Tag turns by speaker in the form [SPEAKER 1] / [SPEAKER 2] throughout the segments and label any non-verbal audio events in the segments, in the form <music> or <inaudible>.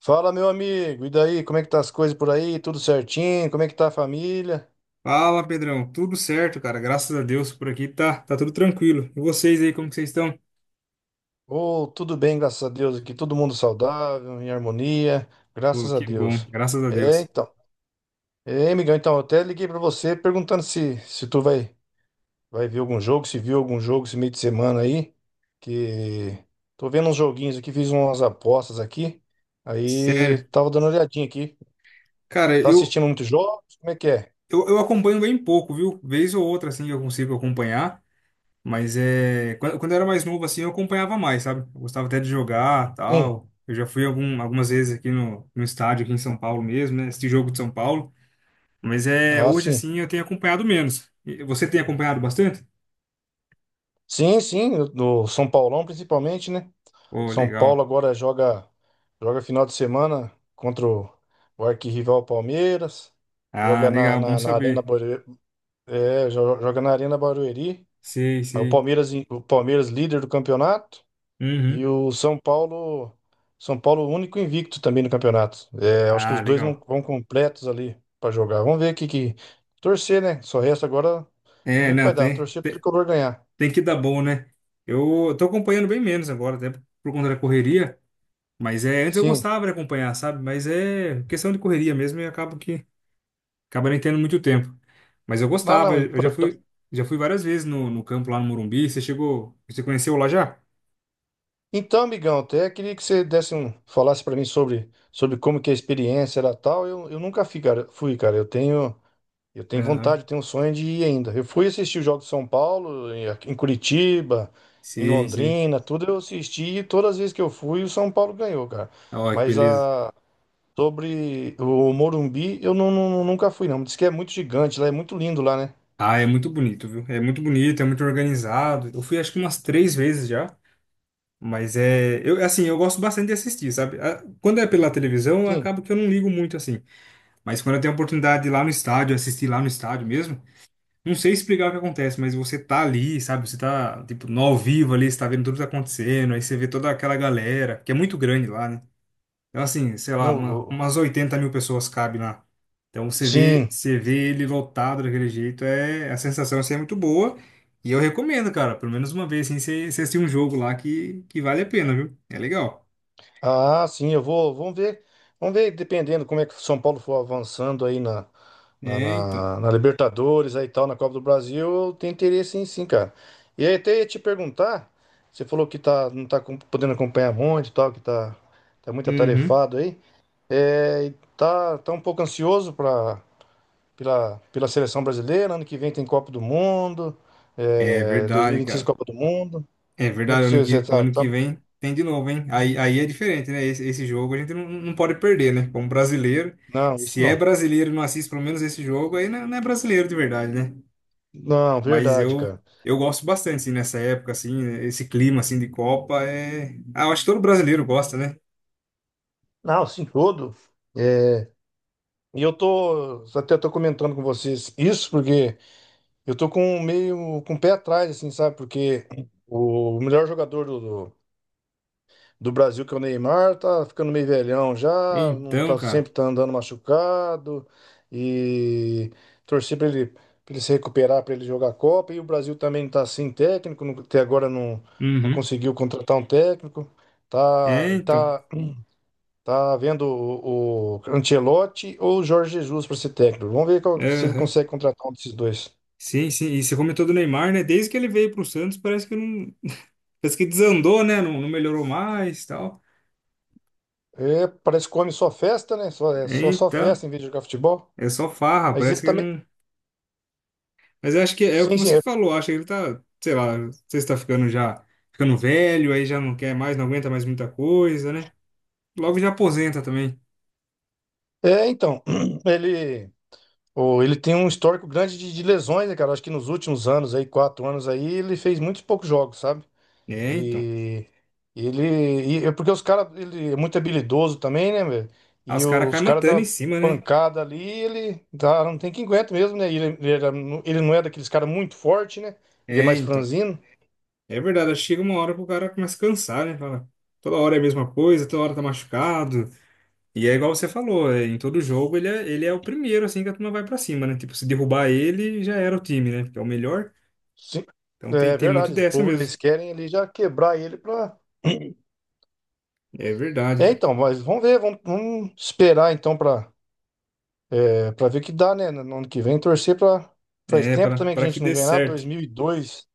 [SPEAKER 1] Fala, meu amigo, e daí? Como é que tá as coisas por aí? Tudo certinho? Como é que tá a família?
[SPEAKER 2] Fala, Pedrão. Tudo certo, cara. Graças a Deus por aqui tá, tá tudo tranquilo. E vocês aí, como que vocês estão?
[SPEAKER 1] Ou tudo bem, graças a Deus, aqui todo mundo saudável, em harmonia,
[SPEAKER 2] Pô,
[SPEAKER 1] graças a
[SPEAKER 2] que bom.
[SPEAKER 1] Deus.
[SPEAKER 2] Graças a
[SPEAKER 1] É,
[SPEAKER 2] Deus.
[SPEAKER 1] então. É, amigão, então, eu até liguei pra você perguntando se tu vai ver algum jogo, se viu algum jogo esse meio de semana aí, que tô vendo uns joguinhos aqui, fiz umas apostas aqui. Aí
[SPEAKER 2] Sério.
[SPEAKER 1] tava dando uma olhadinha aqui.
[SPEAKER 2] Cara,
[SPEAKER 1] Tá
[SPEAKER 2] eu,
[SPEAKER 1] assistindo muitos jogos? Como é que é?
[SPEAKER 2] eu, eu acompanho bem pouco, viu? Vez ou outra, assim, eu consigo acompanhar. Mas é... Quando eu era mais novo, assim, eu acompanhava mais, sabe? Eu gostava até de jogar,
[SPEAKER 1] Sim.
[SPEAKER 2] tal. Eu já fui algumas vezes aqui no estádio, aqui em São Paulo mesmo, né? Esse jogo de São Paulo. Mas é...
[SPEAKER 1] Ah,
[SPEAKER 2] Hoje,
[SPEAKER 1] sim.
[SPEAKER 2] assim, eu tenho acompanhado menos. E você tem acompanhado bastante?
[SPEAKER 1] Sim, sim, do São Paulão principalmente, né?
[SPEAKER 2] Pô,
[SPEAKER 1] São Paulo
[SPEAKER 2] legal.
[SPEAKER 1] agora joga final de semana contra o arquirrival Palmeiras.
[SPEAKER 2] Ah,
[SPEAKER 1] Joga na,
[SPEAKER 2] legal. Bom
[SPEAKER 1] na, na Arena
[SPEAKER 2] saber.
[SPEAKER 1] Barueri, joga na Arena Barueri.
[SPEAKER 2] Sei,
[SPEAKER 1] Aí
[SPEAKER 2] sei.
[SPEAKER 1] O Palmeiras líder do campeonato e
[SPEAKER 2] Uhum.
[SPEAKER 1] o São Paulo único invicto também no campeonato. É, acho que os
[SPEAKER 2] Ah,
[SPEAKER 1] dois vão,
[SPEAKER 2] legal.
[SPEAKER 1] vão completos ali para jogar. Vamos ver o que que torcer, né? Só resta agora vamos
[SPEAKER 2] É,
[SPEAKER 1] ver o que vai
[SPEAKER 2] não,
[SPEAKER 1] dar. Torcer pro
[SPEAKER 2] tem,
[SPEAKER 1] tricolor ganhar.
[SPEAKER 2] tem que dar bom, né? Eu tô acompanhando bem menos agora, até por conta da correria, mas é, antes eu
[SPEAKER 1] Sim.
[SPEAKER 2] gostava de acompanhar, sabe? Mas é questão de correria mesmo e acabo que acaba nem tendo muito tempo. Mas eu
[SPEAKER 1] Não,
[SPEAKER 2] gostava,
[SPEAKER 1] não,
[SPEAKER 2] eu
[SPEAKER 1] importante.
[SPEAKER 2] já fui várias vezes no campo lá no Morumbi. Você chegou, você conheceu lá já?
[SPEAKER 1] Então, amigão, até queria que você desse um, falasse para mim sobre, sobre como que é a experiência era tal. Eu nunca fui, cara. Fui, cara. Eu tenho vontade,
[SPEAKER 2] Aham.
[SPEAKER 1] eu tenho um sonho de ir ainda. Eu fui assistir o jogo de São Paulo, em aqui em Curitiba, em
[SPEAKER 2] Sim, sim.
[SPEAKER 1] Londrina, tudo eu assisti e todas as vezes que eu fui, o São Paulo ganhou, cara.
[SPEAKER 2] Olha que
[SPEAKER 1] Mas
[SPEAKER 2] beleza.
[SPEAKER 1] a, sobre o Morumbi, eu não, não- nunca fui, não. Diz que é muito gigante lá, é muito lindo lá, né?
[SPEAKER 2] Ah, é muito bonito, viu? É muito bonito, é muito organizado. Eu fui acho que umas 3 vezes já. Mas é, eu assim, eu gosto bastante de assistir, sabe? Ah, quando é pela televisão,
[SPEAKER 1] Sim.
[SPEAKER 2] acaba que eu não ligo muito assim. Mas quando eu tenho a oportunidade de ir lá no estádio, assistir lá no estádio mesmo, não sei explicar o que acontece, mas você tá ali, sabe? Você tá tipo no ao vivo ali, você tá vendo tudo que tá acontecendo, aí você vê toda aquela galera, que é muito grande lá, né? Então, assim, sei lá,
[SPEAKER 1] Não,
[SPEAKER 2] umas
[SPEAKER 1] o-
[SPEAKER 2] 80 mil pessoas cabe lá. Então,
[SPEAKER 1] sim.
[SPEAKER 2] você vê ele lotado daquele jeito, é, a sensação assim, é muito boa. E eu recomendo, cara, pelo menos uma vez, assim, você assistir um jogo lá que vale a pena, viu? É legal.
[SPEAKER 1] Ah, sim, eu vou. Vamos ver. Vamos ver, dependendo como é que o São Paulo for avançando aí
[SPEAKER 2] É, então.
[SPEAKER 1] na Libertadores aí e tal, na Copa do Brasil, eu tenho interesse em sim, cara. E aí até ia te perguntar, você falou que tá, não podendo acompanhar muito e tal, tá muito
[SPEAKER 2] Uhum.
[SPEAKER 1] atarefado aí. É, e tá um pouco ansioso pela seleção brasileira, ano que vem tem Copa do Mundo,
[SPEAKER 2] É
[SPEAKER 1] é,
[SPEAKER 2] verdade,
[SPEAKER 1] 2026
[SPEAKER 2] cara.
[SPEAKER 1] Copa do Mundo.
[SPEAKER 2] É
[SPEAKER 1] Como é que
[SPEAKER 2] verdade,
[SPEAKER 1] você tá,
[SPEAKER 2] ano que vem tem de novo, hein? Aí é diferente, né? Esse jogo a gente não pode perder, né? Como brasileiro.
[SPEAKER 1] Não, isso
[SPEAKER 2] Se é
[SPEAKER 1] não.
[SPEAKER 2] brasileiro e não assiste pelo menos esse jogo, aí não, não é brasileiro de verdade, né?
[SPEAKER 1] Não,
[SPEAKER 2] Mas
[SPEAKER 1] verdade,
[SPEAKER 2] eu
[SPEAKER 1] cara.
[SPEAKER 2] eu gosto bastante assim, nessa época assim, esse clima assim de Copa é, ah, eu acho que todo brasileiro gosta, né?
[SPEAKER 1] Não, sim, todo. É, e eu tô, até tô comentando com vocês isso porque eu tô com meio com o pé atrás, assim, sabe? Porque o melhor jogador do Brasil, que é o Neymar, tá ficando meio velhão já, não
[SPEAKER 2] Então,
[SPEAKER 1] tá
[SPEAKER 2] cara.
[SPEAKER 1] sempre tá andando machucado e torcer para ele, pra ele se recuperar, para ele jogar a Copa. E o Brasil também tá sem técnico, até agora não
[SPEAKER 2] Uhum.
[SPEAKER 1] conseguiu contratar um técnico. Tá,
[SPEAKER 2] É, então.
[SPEAKER 1] tá Tá vendo o Ancelotti ou o Jorge Jesus para ser técnico. Vamos ver se ele
[SPEAKER 2] Aham.
[SPEAKER 1] consegue contratar um desses dois.
[SPEAKER 2] Sim, sim. E você comentou do Neymar, né? Desde que ele veio pro Santos, parece que não, parece que desandou, né? Não melhorou mais, tal.
[SPEAKER 1] É, parece que come só festa, né? Só
[SPEAKER 2] Então,
[SPEAKER 1] festa em vez de jogar futebol.
[SPEAKER 2] é só farra,
[SPEAKER 1] Mas ele
[SPEAKER 2] parece que
[SPEAKER 1] também.
[SPEAKER 2] não. Mas eu acho que é o
[SPEAKER 1] Sim,
[SPEAKER 2] que
[SPEAKER 1] sim.
[SPEAKER 2] você
[SPEAKER 1] É,
[SPEAKER 2] falou, acho que ele tá, sei lá, não sei se tá ficando já ficando velho, aí já não quer mais, não aguenta mais muita coisa, né? Logo já aposenta também.
[SPEAKER 1] É, então. <clears throat> Ele, ele tem um histórico grande de lesões, né, cara? Acho que nos últimos anos aí, 4 anos aí, ele fez muitos poucos jogos, sabe?
[SPEAKER 2] É, então.
[SPEAKER 1] E ele. E é porque os caras. Ele é muito habilidoso também, né, velho?
[SPEAKER 2] Ah,
[SPEAKER 1] E
[SPEAKER 2] os caras
[SPEAKER 1] os
[SPEAKER 2] caem
[SPEAKER 1] caras
[SPEAKER 2] matando em
[SPEAKER 1] da
[SPEAKER 2] cima, né?
[SPEAKER 1] pancada ali, ele dá, não tem quem aguenta mesmo, né? Ele não é daqueles caras muito forte, né? Ele é
[SPEAKER 2] É,
[SPEAKER 1] mais
[SPEAKER 2] então.
[SPEAKER 1] franzino.
[SPEAKER 2] É verdade, acho que chega uma hora que o cara começa a cansar, né? Fala, toda hora é a mesma coisa, toda hora tá machucado. E é igual você falou, é, em todo jogo ele é o primeiro, assim, que a turma vai pra cima, né? Tipo, se derrubar ele, já era o time, né? Porque é o melhor.
[SPEAKER 1] Sim,
[SPEAKER 2] Então tem,
[SPEAKER 1] é
[SPEAKER 2] tem muito
[SPEAKER 1] verdade. O
[SPEAKER 2] dessa
[SPEAKER 1] povo, eles
[SPEAKER 2] mesmo.
[SPEAKER 1] querem ali já quebrar ele pra.
[SPEAKER 2] É verdade,
[SPEAKER 1] É,
[SPEAKER 2] cara.
[SPEAKER 1] então, mas vamos ver, vamos esperar então pra ver o que dá, né? No ano que vem, torcer pra. Faz
[SPEAKER 2] É,
[SPEAKER 1] tempo também que
[SPEAKER 2] pra
[SPEAKER 1] a
[SPEAKER 2] que
[SPEAKER 1] gente não
[SPEAKER 2] dê
[SPEAKER 1] ganha nada, dois
[SPEAKER 2] certo.
[SPEAKER 1] mil e dois.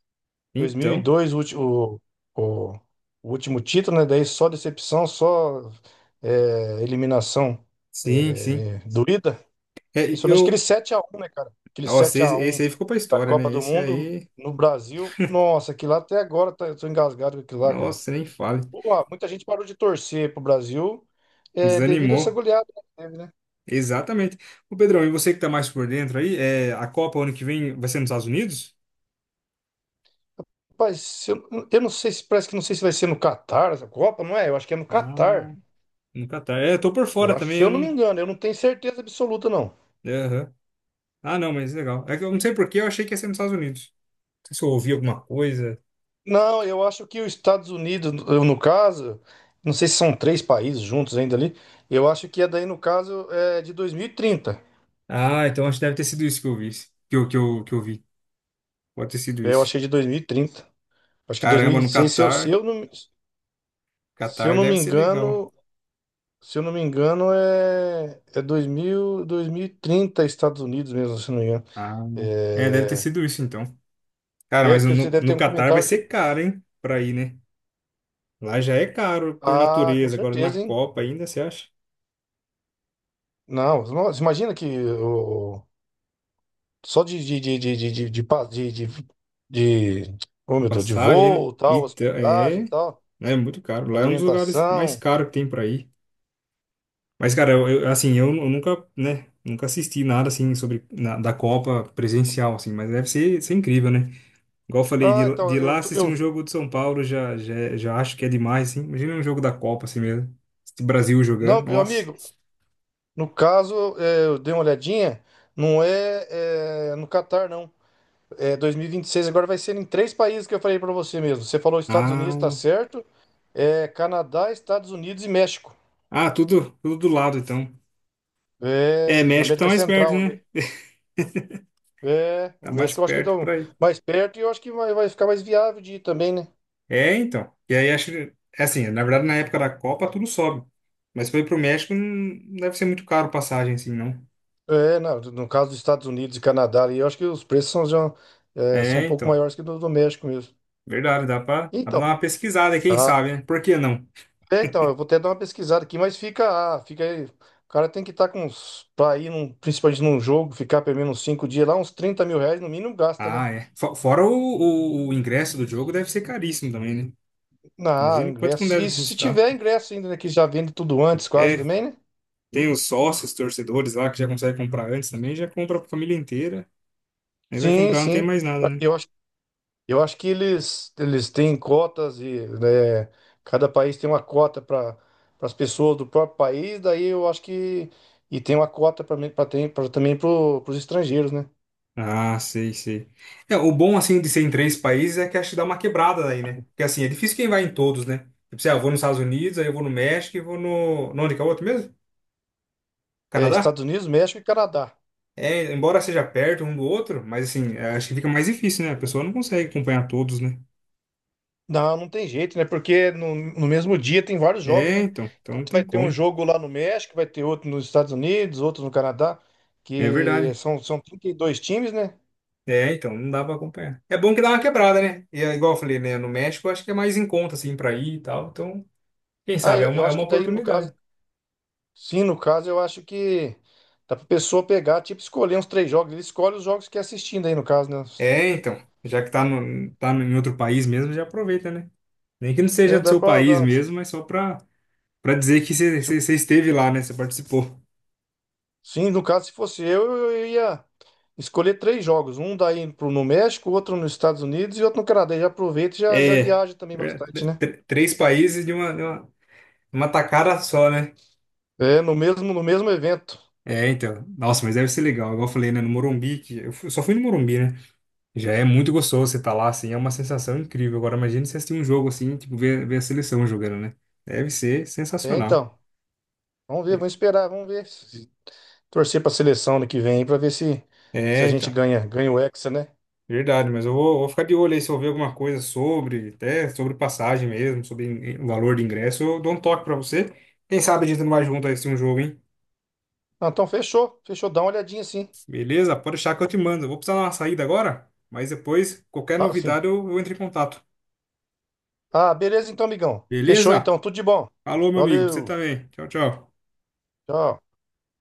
[SPEAKER 2] Então,
[SPEAKER 1] 2002, o, ulti- o- o último título, né? Daí só decepção, só eliminação
[SPEAKER 2] sim, sim.
[SPEAKER 1] doída.
[SPEAKER 2] É,
[SPEAKER 1] Principalmente aquele
[SPEAKER 2] eu.
[SPEAKER 1] 7-1 né, cara? Aquele
[SPEAKER 2] Nossa,
[SPEAKER 1] sete a
[SPEAKER 2] esse
[SPEAKER 1] um
[SPEAKER 2] aí ficou pra
[SPEAKER 1] da
[SPEAKER 2] história,
[SPEAKER 1] Copa
[SPEAKER 2] né?
[SPEAKER 1] do
[SPEAKER 2] Esse
[SPEAKER 1] Mundo
[SPEAKER 2] aí.
[SPEAKER 1] no Brasil. Nossa, aquilo lá até agora eu tô engasgado com aquilo lá, cara.
[SPEAKER 2] Nossa, nem fale.
[SPEAKER 1] Pô, ah, muita gente parou de torcer pro Brasil devido a essa
[SPEAKER 2] Desanimou.
[SPEAKER 1] goleada que teve, né?
[SPEAKER 2] Exatamente. Ô Pedrão, e você que tá mais por dentro aí, é, a Copa ano que vem vai ser nos Estados Unidos?
[SPEAKER 1] Rapaz, se eu, eu não sei se parece que não sei se vai ser no Catar essa Copa, não é? Eu acho que é no Catar.
[SPEAKER 2] Ah, no Catar. É, eu tô por
[SPEAKER 1] Eu
[SPEAKER 2] fora
[SPEAKER 1] acho, se
[SPEAKER 2] também, eu
[SPEAKER 1] eu não me
[SPEAKER 2] não...
[SPEAKER 1] engano, eu não tenho certeza absoluta, não.
[SPEAKER 2] é, aham. Ah, não, mas legal. É que eu não sei por que eu achei que ia ser nos Estados Unidos. Não sei se eu ouvi alguma coisa.
[SPEAKER 1] Não, eu acho que os Estados Unidos, eu, no caso, não sei se são três países juntos ainda ali, eu acho que é daí, no caso, é de 2030.
[SPEAKER 2] Ah, então acho que deve ter sido isso que eu vi. Que eu vi. Pode ter sido
[SPEAKER 1] Eu
[SPEAKER 2] isso.
[SPEAKER 1] achei de 2030. Acho que dois mil e
[SPEAKER 2] Caramba,
[SPEAKER 1] vinte e
[SPEAKER 2] no
[SPEAKER 1] seis
[SPEAKER 2] Catar.
[SPEAKER 1] se eu
[SPEAKER 2] Catar
[SPEAKER 1] não
[SPEAKER 2] deve
[SPEAKER 1] me
[SPEAKER 2] ser legal.
[SPEAKER 1] engano, se eu não me engano, é 2030 Estados Unidos mesmo, se eu não me engano.
[SPEAKER 2] Ah, é, deve ter
[SPEAKER 1] É,
[SPEAKER 2] sido isso então. Cara,
[SPEAKER 1] é
[SPEAKER 2] mas
[SPEAKER 1] que você deve ter
[SPEAKER 2] no
[SPEAKER 1] um
[SPEAKER 2] Catar vai
[SPEAKER 1] comentário que...
[SPEAKER 2] ser caro, hein? Pra ir, né? Lá já é caro por
[SPEAKER 1] Ah, com
[SPEAKER 2] natureza. Agora na
[SPEAKER 1] certeza, hein?
[SPEAKER 2] Copa ainda, você acha?
[SPEAKER 1] Não, nossa, imagina que... Só de- oh meu Deus, de
[SPEAKER 2] Passagem, né?
[SPEAKER 1] voo, tal,
[SPEAKER 2] Então, é
[SPEAKER 1] hospedagem, tal,
[SPEAKER 2] né, muito caro. Lá é um dos lugares mais
[SPEAKER 1] alimentação.
[SPEAKER 2] caros que tem pra ir. Mas, cara, assim, eu nunca, né, nunca assisti nada, assim, sobre, da Copa presencial, assim, mas deve ser incrível, né? Igual eu falei,
[SPEAKER 1] Ah, então,
[SPEAKER 2] de lá assistir um jogo de São Paulo, já acho que é demais, assim. Imagina um jogo da Copa, assim mesmo. Esse Brasil jogando,
[SPEAKER 1] não, meu
[SPEAKER 2] nossa.
[SPEAKER 1] amigo, no caso, eu dei uma olhadinha, não é, no Catar, não. É dois mil e vinte e seis agora vai ser em três países que eu falei pra você mesmo. Você falou Estados Unidos, tá
[SPEAKER 2] Ah,
[SPEAKER 1] certo? É Canadá, Estados Unidos e México.
[SPEAKER 2] tudo, tudo do lado, então. É,
[SPEAKER 1] É, na
[SPEAKER 2] México tá
[SPEAKER 1] América
[SPEAKER 2] mais perto,
[SPEAKER 1] Central ali.
[SPEAKER 2] né?
[SPEAKER 1] É,
[SPEAKER 2] Tá
[SPEAKER 1] o
[SPEAKER 2] mais
[SPEAKER 1] México eu acho que
[SPEAKER 2] perto
[SPEAKER 1] estão
[SPEAKER 2] pra ir.
[SPEAKER 1] mais perto e eu acho que vai ficar mais viável de ir também, né?
[SPEAKER 2] É, então. E aí acho que, é assim, na verdade na época da Copa tudo sobe. Mas foi pro México não deve ser muito caro passagem assim, não.
[SPEAKER 1] É, não, no caso dos Estados Unidos e Canadá, ali, eu acho que os preços são
[SPEAKER 2] É,
[SPEAKER 1] um pouco
[SPEAKER 2] então.
[SPEAKER 1] maiores que do México mesmo.
[SPEAKER 2] Verdade, dá pra
[SPEAKER 1] Então,
[SPEAKER 2] dar uma pesquisada, quem
[SPEAKER 1] ah,
[SPEAKER 2] sabe, né? Por que não?
[SPEAKER 1] então, eu vou até dar uma pesquisada aqui, mas fica, ah, fica aí. O cara tem que estar com uns, pra ir num, principalmente num jogo, ficar pelo menos uns 5 dias lá, uns R$ 30.000 no mínimo gasta, né?
[SPEAKER 2] Ah, é. Fora o ingresso do jogo deve ser caríssimo também, né?
[SPEAKER 1] Ah, o
[SPEAKER 2] Imagina quanto que não
[SPEAKER 1] ingresso.
[SPEAKER 2] deve
[SPEAKER 1] E se
[SPEAKER 2] custar.
[SPEAKER 1] tiver ingresso ainda, né, que já vende tudo antes quase
[SPEAKER 2] É,
[SPEAKER 1] também, né?
[SPEAKER 2] tem os sócios, torcedores lá que já conseguem comprar antes também, já compra pra família inteira. Aí vai
[SPEAKER 1] Sim,
[SPEAKER 2] comprar, não tem
[SPEAKER 1] sim.
[SPEAKER 2] mais nada, né?
[SPEAKER 1] Eu Eu acho que eles têm cotas e né, cada país tem uma cota para as pessoas do próprio país, daí eu acho que e tem uma cota para também para os estrangeiros, né?
[SPEAKER 2] Ah, sei, sei. É, o bom, assim, de ser em 3 países é que acho que dá uma quebrada aí, né? Porque, assim, é difícil quem vai em todos, né? Tipo, sei lá, eu vou nos Estados Unidos, aí eu vou no México e vou no... no onde que é o outro mesmo?
[SPEAKER 1] É,
[SPEAKER 2] Canadá?
[SPEAKER 1] Estados Unidos, México e Canadá.
[SPEAKER 2] É, embora seja perto um do outro, mas, assim, é, acho que fica mais difícil, né? A pessoa não consegue acompanhar todos, né?
[SPEAKER 1] Não, não tem jeito, né? Porque no mesmo dia tem vários jogos,
[SPEAKER 2] É,
[SPEAKER 1] né?
[SPEAKER 2] então. Então não
[SPEAKER 1] Enquanto
[SPEAKER 2] tem
[SPEAKER 1] vai ter um
[SPEAKER 2] como.
[SPEAKER 1] jogo lá no México, vai ter outro nos Estados Unidos, outro no Canadá,
[SPEAKER 2] É
[SPEAKER 1] que
[SPEAKER 2] verdade.
[SPEAKER 1] são 32 times, né?
[SPEAKER 2] É, então, não dá pra acompanhar. É bom que dá uma quebrada, né? E, é igual eu falei, né? No México, eu acho que é mais em conta, assim, pra ir e tal. Então, quem
[SPEAKER 1] Ah,
[SPEAKER 2] sabe,
[SPEAKER 1] eu
[SPEAKER 2] é
[SPEAKER 1] acho
[SPEAKER 2] uma
[SPEAKER 1] que daí, no caso,
[SPEAKER 2] oportunidade.
[SPEAKER 1] sim, no caso, eu acho que dá pra pessoa pegar, tipo, escolher uns três jogos. Ele escolhe os jogos que é assistindo aí, no caso, né?
[SPEAKER 2] É, então, já que tá, no, tá no- em outro país mesmo, já aproveita, né? Nem que não seja
[SPEAKER 1] É,
[SPEAKER 2] do
[SPEAKER 1] dá
[SPEAKER 2] seu
[SPEAKER 1] pra.
[SPEAKER 2] país
[SPEAKER 1] Dá-
[SPEAKER 2] mesmo, mas só pra dizer que
[SPEAKER 1] se-
[SPEAKER 2] você esteve lá, né? Você participou.
[SPEAKER 1] sim, no caso, se fosse eu ia escolher três jogos. Um daí pro, no México, outro nos Estados Unidos e outro no Canadá. E já aproveita e já
[SPEAKER 2] É,
[SPEAKER 1] viaja também
[SPEAKER 2] é,
[SPEAKER 1] bastante, né?
[SPEAKER 2] 3 países uma tacada só, né?
[SPEAKER 1] É, no mesmo evento.
[SPEAKER 2] É, então. Nossa, mas deve ser legal. Igual eu falei, né? No Morumbi, só fui no Morumbi, né? Já é muito gostoso você tá lá, assim, é uma sensação incrível. Agora, imagina você assistir um jogo assim, tipo, ver a seleção jogando, né? Deve ser
[SPEAKER 1] É,
[SPEAKER 2] sensacional.
[SPEAKER 1] então. Vamos ver, vamos esperar, vamos ver. Torcer pra seleção ano que vem aí pra ver se a gente
[SPEAKER 2] Então.
[SPEAKER 1] ganha o Hexa, né?
[SPEAKER 2] Verdade, mas eu vou ficar de olho aí se eu ver alguma coisa sobre, até sobre passagem mesmo, sobre o valor de ingresso, eu dou um toque pra você. Quem sabe a gente não vai junto a esse um jogo, hein?
[SPEAKER 1] Ah, então fechou, fechou. Dá uma olhadinha sim.
[SPEAKER 2] Beleza? Pode deixar que eu te mando. Eu vou precisar dar uma saída agora, mas depois, qualquer
[SPEAKER 1] Ah, sim.
[SPEAKER 2] novidade, eu entro em contato.
[SPEAKER 1] Ah, beleza então, amigão. Fechou
[SPEAKER 2] Beleza?
[SPEAKER 1] então, tudo de bom.
[SPEAKER 2] Falou, meu amigo. Pra você
[SPEAKER 1] Valeu.
[SPEAKER 2] também. Tchau, tchau.
[SPEAKER 1] Tchau.